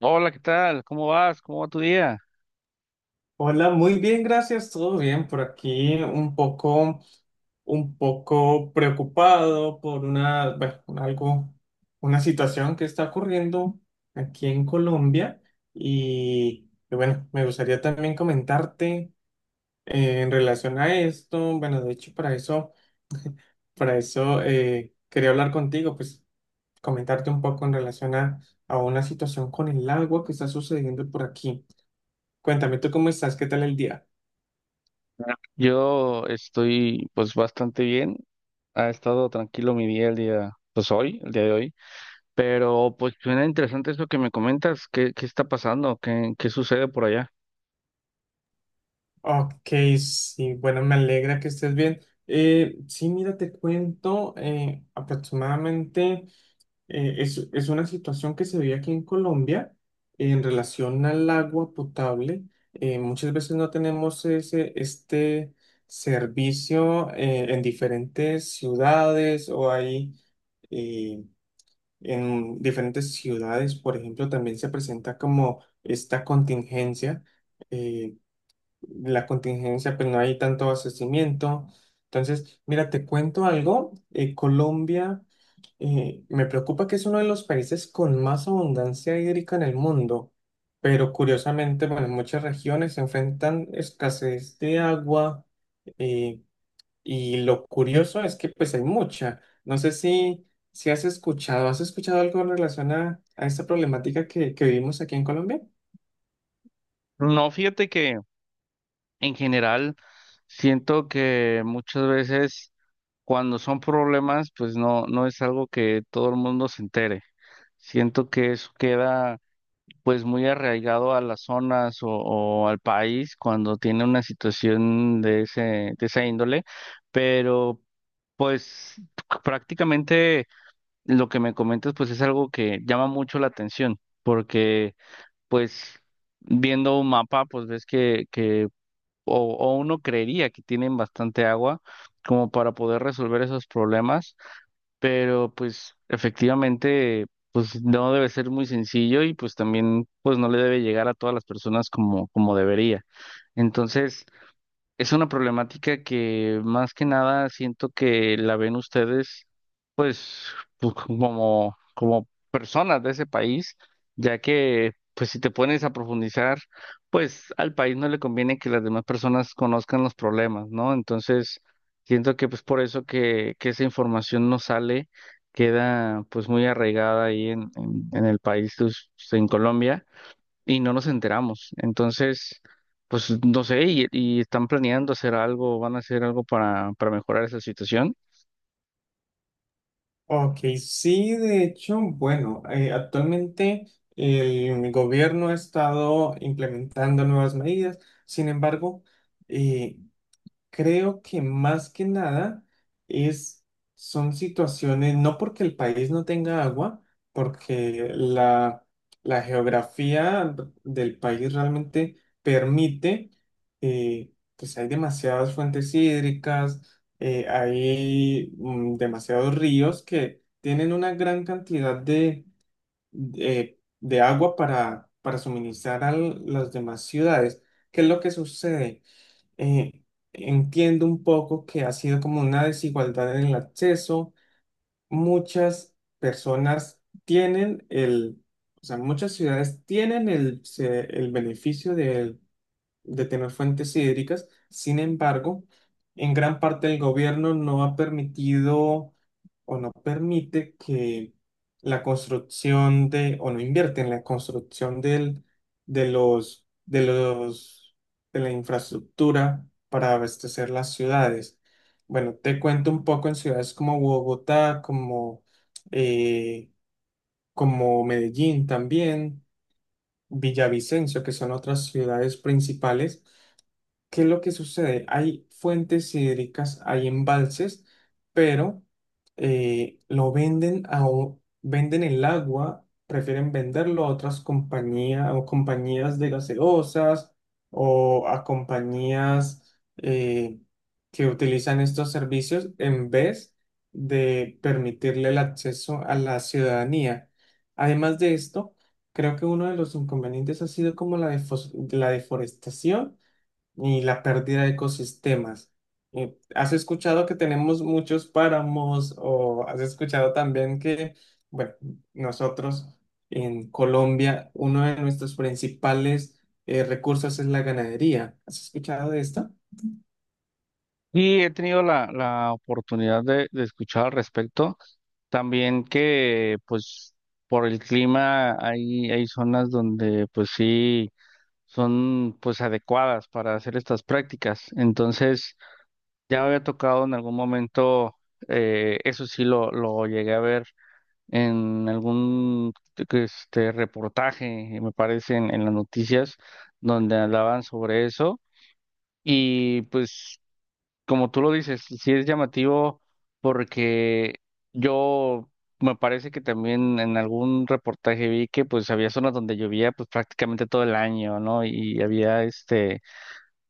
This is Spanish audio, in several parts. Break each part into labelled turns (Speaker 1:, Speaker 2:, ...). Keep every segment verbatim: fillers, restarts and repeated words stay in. Speaker 1: Hola, ¿qué tal? ¿Cómo vas? ¿Cómo va tu día?
Speaker 2: Hola, muy bien, gracias, todo bien por aquí, un poco, un poco preocupado por una, bueno, algo, una situación que está ocurriendo aquí en Colombia y, y bueno, me gustaría también comentarte eh, en relación a esto, bueno, de hecho para eso, para eso eh, quería hablar contigo, pues comentarte un poco en relación a, a una situación con el agua que está sucediendo por aquí. Cuéntame, ¿tú cómo estás? ¿Qué tal el día?
Speaker 1: Ah. Yo estoy pues bastante bien. Ha estado tranquilo mi día el día, pues hoy, el día de hoy. Pero pues suena interesante eso que me comentas. ¿Qué, qué está pasando? ¿Qué, qué sucede por allá?
Speaker 2: Ok, sí, bueno, me alegra que estés bien. Eh, sí, mira, te cuento, eh, aproximadamente eh, es, es una situación que se ve aquí en Colombia en relación al agua potable. Eh, muchas veces no tenemos ese, este servicio eh, en diferentes ciudades o hay eh, en diferentes ciudades, por ejemplo, también se presenta como esta contingencia. eh, la contingencia, pues no hay tanto abastecimiento. Entonces, mira, te cuento algo. eh, Colombia, eh, me preocupa que es uno de los países con más abundancia hídrica en el mundo, pero curiosamente, bueno, muchas regiones se enfrentan escasez de agua eh, y lo curioso es que pues hay mucha. No sé si, si has escuchado, ¿has escuchado algo en relación a, a esta problemática que, que vivimos aquí en Colombia?
Speaker 1: No, fíjate que en general siento que muchas veces cuando son problemas, pues no, no es algo que todo el mundo se entere. Siento que eso queda pues muy arraigado a las zonas o, o al país cuando tiene una situación de ese, de esa índole, pero pues prácticamente lo que me comentas pues es algo que llama mucho la atención, porque pues viendo un mapa pues ves que, que o, o uno creería que tienen bastante agua como para poder resolver esos problemas, pero pues efectivamente, pues no debe ser muy sencillo y pues también pues no le debe llegar a todas las personas como, como debería. Entonces, es una problemática que más que nada siento que la ven ustedes pues, pues, como, como personas de ese país, ya que pues si te pones a profundizar, pues al país no le conviene que las demás personas conozcan los problemas, ¿no? Entonces, siento que pues por eso que, que esa información no sale, queda pues muy arraigada ahí en, en, en el país, pues, en Colombia, y no nos enteramos. Entonces, pues no sé, y, y están planeando hacer algo, van a hacer algo para, para mejorar esa situación.
Speaker 2: Ok, sí, de hecho, bueno, eh, actualmente el gobierno ha estado implementando nuevas medidas, sin embargo, eh, creo que más que nada es, son situaciones, no porque el país no tenga agua, porque la, la geografía del país realmente permite, eh, pues hay demasiadas fuentes hídricas, eh, hay mm, demasiados ríos que tienen una gran cantidad de, de, de agua para, para suministrar a las demás ciudades. ¿Qué es lo que sucede? eh, Entiendo un poco que ha sido como una desigualdad en el acceso. Muchas personas tienen el, o sea, muchas ciudades tienen el, se- el beneficio de, de tener fuentes hídricas. Sin embargo, en gran parte el gobierno no ha permitido o no permite que la construcción de, o no invierte en la construcción del, de los, de los, de la infraestructura para abastecer las ciudades. Bueno, te cuento un poco en ciudades como Bogotá, como, eh, como Medellín también, Villavicencio, que son otras ciudades principales. ¿Qué es lo que sucede? Hay fuentes hídricas, hay embalses, pero eh, lo venden a, o- venden el agua, prefieren venderlo a otras compañías o compañías de gaseosas o a compañías eh, que utilizan estos servicios en vez de permitirle el acceso a la ciudadanía. Además de esto, creo que uno de los inconvenientes ha sido como la defos- la deforestación y la pérdida de ecosistemas. Eh, ¿Has escuchado que tenemos muchos páramos o has escuchado también que, bueno, nosotros en Colombia, uno de nuestros principales eh, recursos es la ganadería? ¿Has escuchado de esto?
Speaker 1: Y he tenido la, la oportunidad de, de escuchar al respecto. También que, pues, por el clima hay, hay zonas donde, pues sí, son, pues, adecuadas para hacer estas prácticas. Entonces, ya me había tocado en algún momento, eh, eso sí lo, lo llegué a ver en algún, este, reportaje, me parece, en en las noticias, donde hablaban sobre eso. Y pues como tú lo dices, sí es llamativo porque yo me parece que también en algún reportaje vi que pues había zonas donde llovía pues prácticamente todo el año, ¿no? Y había este,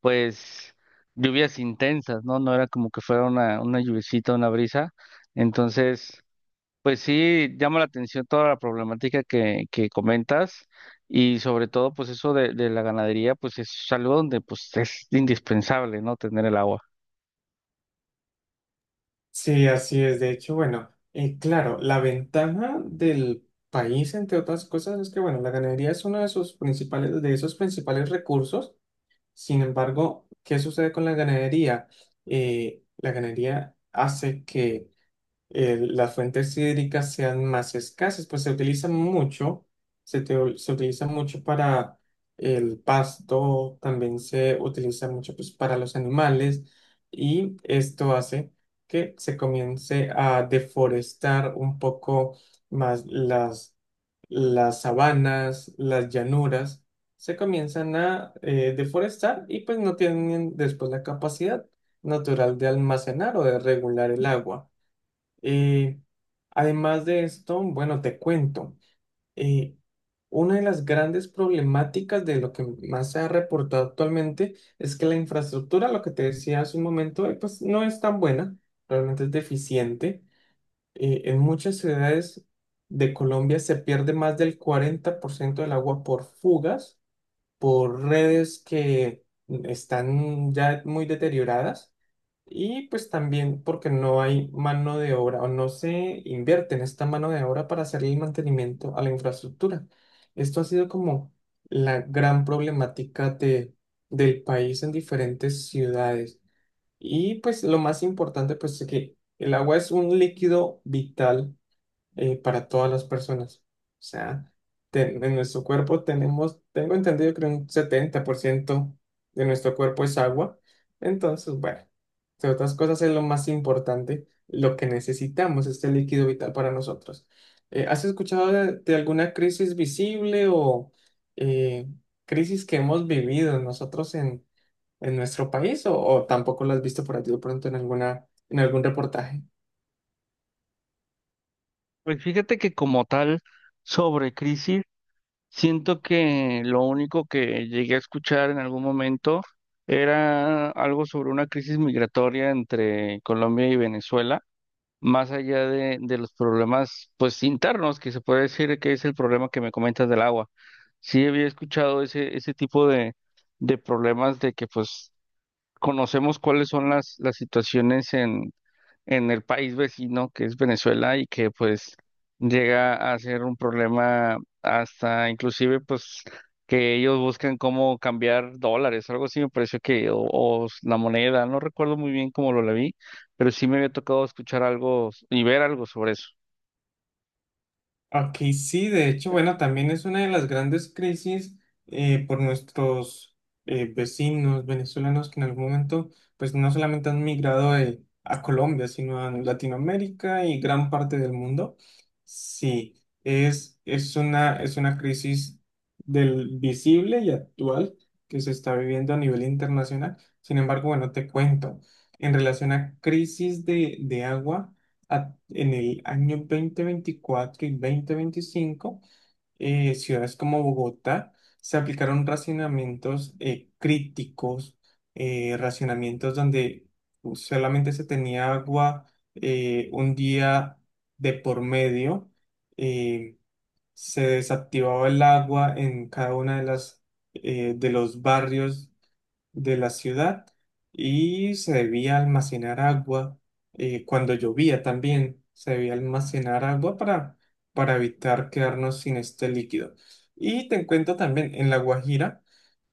Speaker 1: pues lluvias intensas, ¿no? No era como que fuera una, una lluviecita, una brisa. Entonces, pues sí llama la atención toda la problemática que, que comentas. Y sobre todo, pues eso de, de la ganadería, pues es algo donde pues es indispensable, ¿no? Tener el agua.
Speaker 2: Sí, así es. De hecho, bueno, eh, claro, la ventaja del país, entre otras cosas, es que, bueno, la ganadería es uno de sus principales, de esos principales recursos. Sin embargo, ¿qué sucede con la ganadería? Eh, la ganadería hace que eh, las fuentes hídricas sean más escasas, pues se utilizan mucho, se, te- se utiliza mucho para el pasto, también se utiliza mucho pues, para los animales y esto hace que se comience a deforestar un poco más las, las sabanas, las llanuras, se comienzan a eh, deforestar y pues no tienen después la capacidad natural de almacenar o de regular el agua. Eh, Además de esto, bueno, te cuento, eh, una de las grandes problemáticas de lo que más se ha reportado actualmente es que la infraestructura, lo que te decía hace un momento, eh, pues no es tan buena, realmente es deficiente. Eh, en muchas ciudades de Colombia se pierde más del cuarenta por ciento del agua por fugas, por redes que están ya muy deterioradas. Y pues también porque no hay mano de obra o no se invierte en esta mano de obra para hacer el mantenimiento a la infraestructura. Esto ha sido como la gran problemática de, del país en diferentes ciudades. Y pues lo más importante pues es que el agua es un líquido vital eh, para todas las personas. O sea, ten- en nuestro cuerpo tenemos, tengo entendido que un setenta por ciento de nuestro cuerpo es agua. Entonces, bueno, entre otras cosas es lo más importante, lo que necesitamos, este líquido vital para nosotros. Eh, ¿has escuchado de, de alguna crisis visible o eh, crisis que hemos vivido nosotros en, en nuestro país o, o tampoco lo has visto por allí de pronto en alguna, en algún reportaje?
Speaker 1: Pues fíjate que como tal, sobre crisis, siento que lo único que llegué a escuchar en algún momento era algo sobre una crisis migratoria entre Colombia y Venezuela, más allá de, de los problemas pues internos, que se puede decir que es el problema que me comentas del agua. Sí había escuchado ese, ese tipo de, de problemas de que pues conocemos cuáles son las, las situaciones en el país vecino que es Venezuela y que pues llega a ser un problema hasta inclusive pues que ellos buscan cómo cambiar dólares, algo así me pareció que, o, o la moneda, no recuerdo muy bien cómo lo la vi, pero sí me había tocado escuchar algo y ver algo sobre eso.
Speaker 2: Ok, sí, de hecho, bueno, también es una de las grandes crisis eh, por nuestros eh, vecinos venezolanos que en algún momento, pues no solamente han migrado eh, a Colombia, sino a Latinoamérica y gran parte del mundo. Sí, es, es una, es una crisis del visible y actual que se está viviendo a nivel internacional. Sin embargo, bueno, te cuento, en relación a crisis de, de agua a- en el año dos mil veinticuatro y dos mil veinticinco, eh, ciudades como Bogotá se aplicaron racionamientos eh, críticos, eh, racionamientos donde uh, solamente se tenía agua eh, un día de por medio, eh, se desactivaba el agua en cada una de las eh, de los barrios de la ciudad y se debía almacenar agua eh, cuando llovía también. Se debía almacenar agua para, para evitar quedarnos sin este líquido. Y te cuento también, en La Guajira,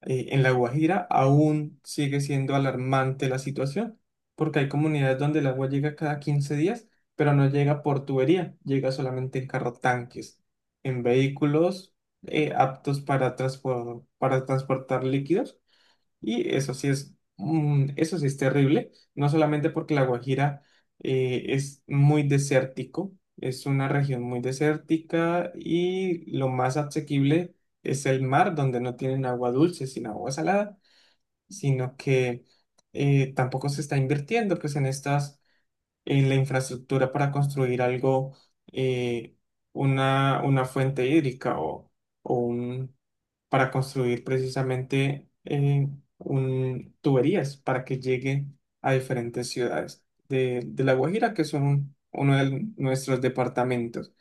Speaker 2: eh, en La Guajira aún sigue siendo alarmante la situación, porque hay comunidades donde el agua llega cada quince días, pero no llega por tubería, llega solamente en carro tanques, en vehículos eh, aptos para, transpo- para transportar líquidos y eso sí es, mm, eso sí es terrible, no solamente porque La Guajira eh, es muy desértico, es una región muy desértica y lo más asequible es el mar, donde no tienen agua dulce, sino agua salada, sino que eh, tampoco se está invirtiendo pues en estas, en la infraestructura para construir algo, eh, una, una fuente hídrica o, para construir precisamente eh, un, tuberías para que llegue a diferentes ciudades de, de La Guajira, que son uno de nuestros departamentos.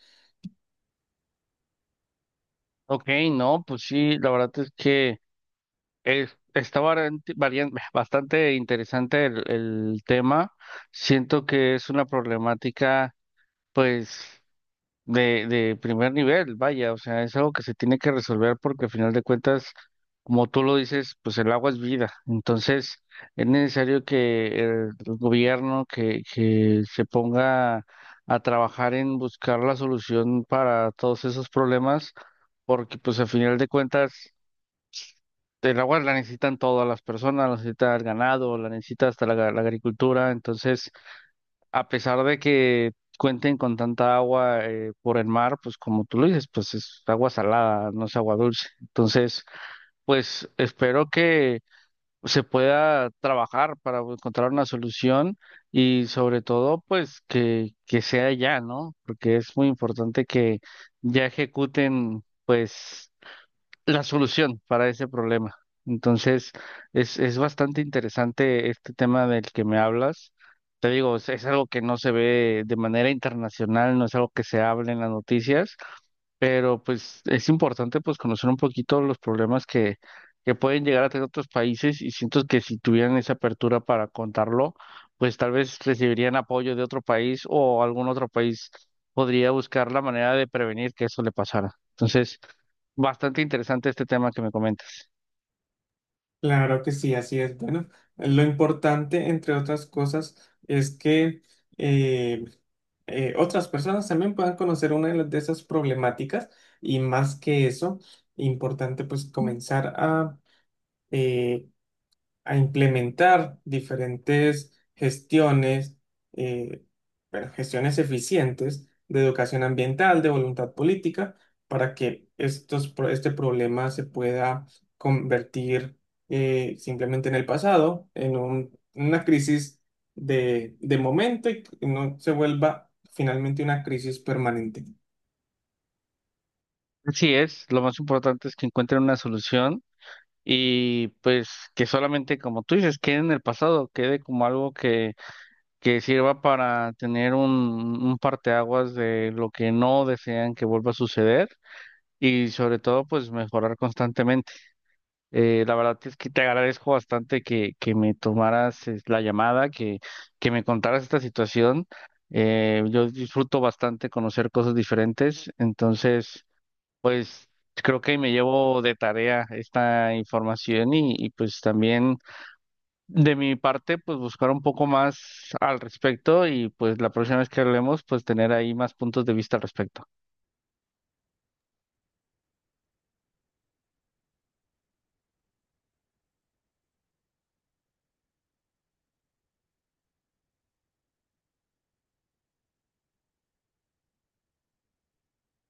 Speaker 1: Ok, no, pues sí, la verdad es que es, está variante- varian- bastante interesante el, el tema. Siento que es una problemática, pues de, de primer nivel, vaya, o sea, es algo que se tiene que resolver porque al final de cuentas, como tú lo dices, pues el agua es vida. Entonces, es necesario que el gobierno que, que se ponga a trabajar en buscar la solución para todos esos problemas, porque pues al final de cuentas, el agua la necesitan todas las personas, la necesita el ganado, la necesita hasta la la agricultura, entonces a pesar de que cuenten con tanta agua eh, por el mar, pues como tú lo dices, pues es agua salada, no es agua dulce. Entonces, pues espero que se pueda trabajar para encontrar una solución y sobre todo, pues que, que sea ya, ¿no? Porque es muy importante que ya ejecuten, pues la solución para ese problema. Entonces, es, es bastante interesante este tema del que me hablas. Te digo, es, es algo que no se ve de manera internacional, no es algo que se hable en las noticias, pero pues es importante pues conocer un poquito los problemas que, que pueden llegar a tener otros países y siento que si tuvieran esa apertura para contarlo, pues tal vez recibirían apoyo de otro país o algún otro país podría buscar la manera de prevenir que eso le pasara. Entonces, bastante interesante este tema que me comentas.
Speaker 2: Claro que sí, así es. Bueno, lo importante, entre otras cosas, es que eh, eh, otras personas también puedan conocer una de, las- de esas problemáticas y más que eso, importante pues comenzar a... eh, a implementar diferentes gestiones, eh, bueno, gestiones eficientes de educación ambiental, de voluntad política, para que estos, pro- este problema se pueda convertir eh, simplemente en el pasado, en un- una crisis de, de momento y no se vuelva finalmente una crisis permanente.
Speaker 1: Así es, lo más importante es que encuentren una solución y pues que solamente, como tú dices, quede en el pasado, quede como algo que que sirva para tener un, un parteaguas de lo que no desean que vuelva a suceder y sobre todo pues mejorar constantemente. Eh, la verdad es que te agradezco bastante que, que me tomaras eh, la llamada, que, que me contaras esta situación. Eh, yo disfruto bastante conocer cosas diferentes, entonces pues creo que me llevo de tarea esta información y, y pues también... De mi parte, pues buscar un poco más al respecto y pues la próxima vez que hablemos, pues tener ahí más puntos de vista al respecto.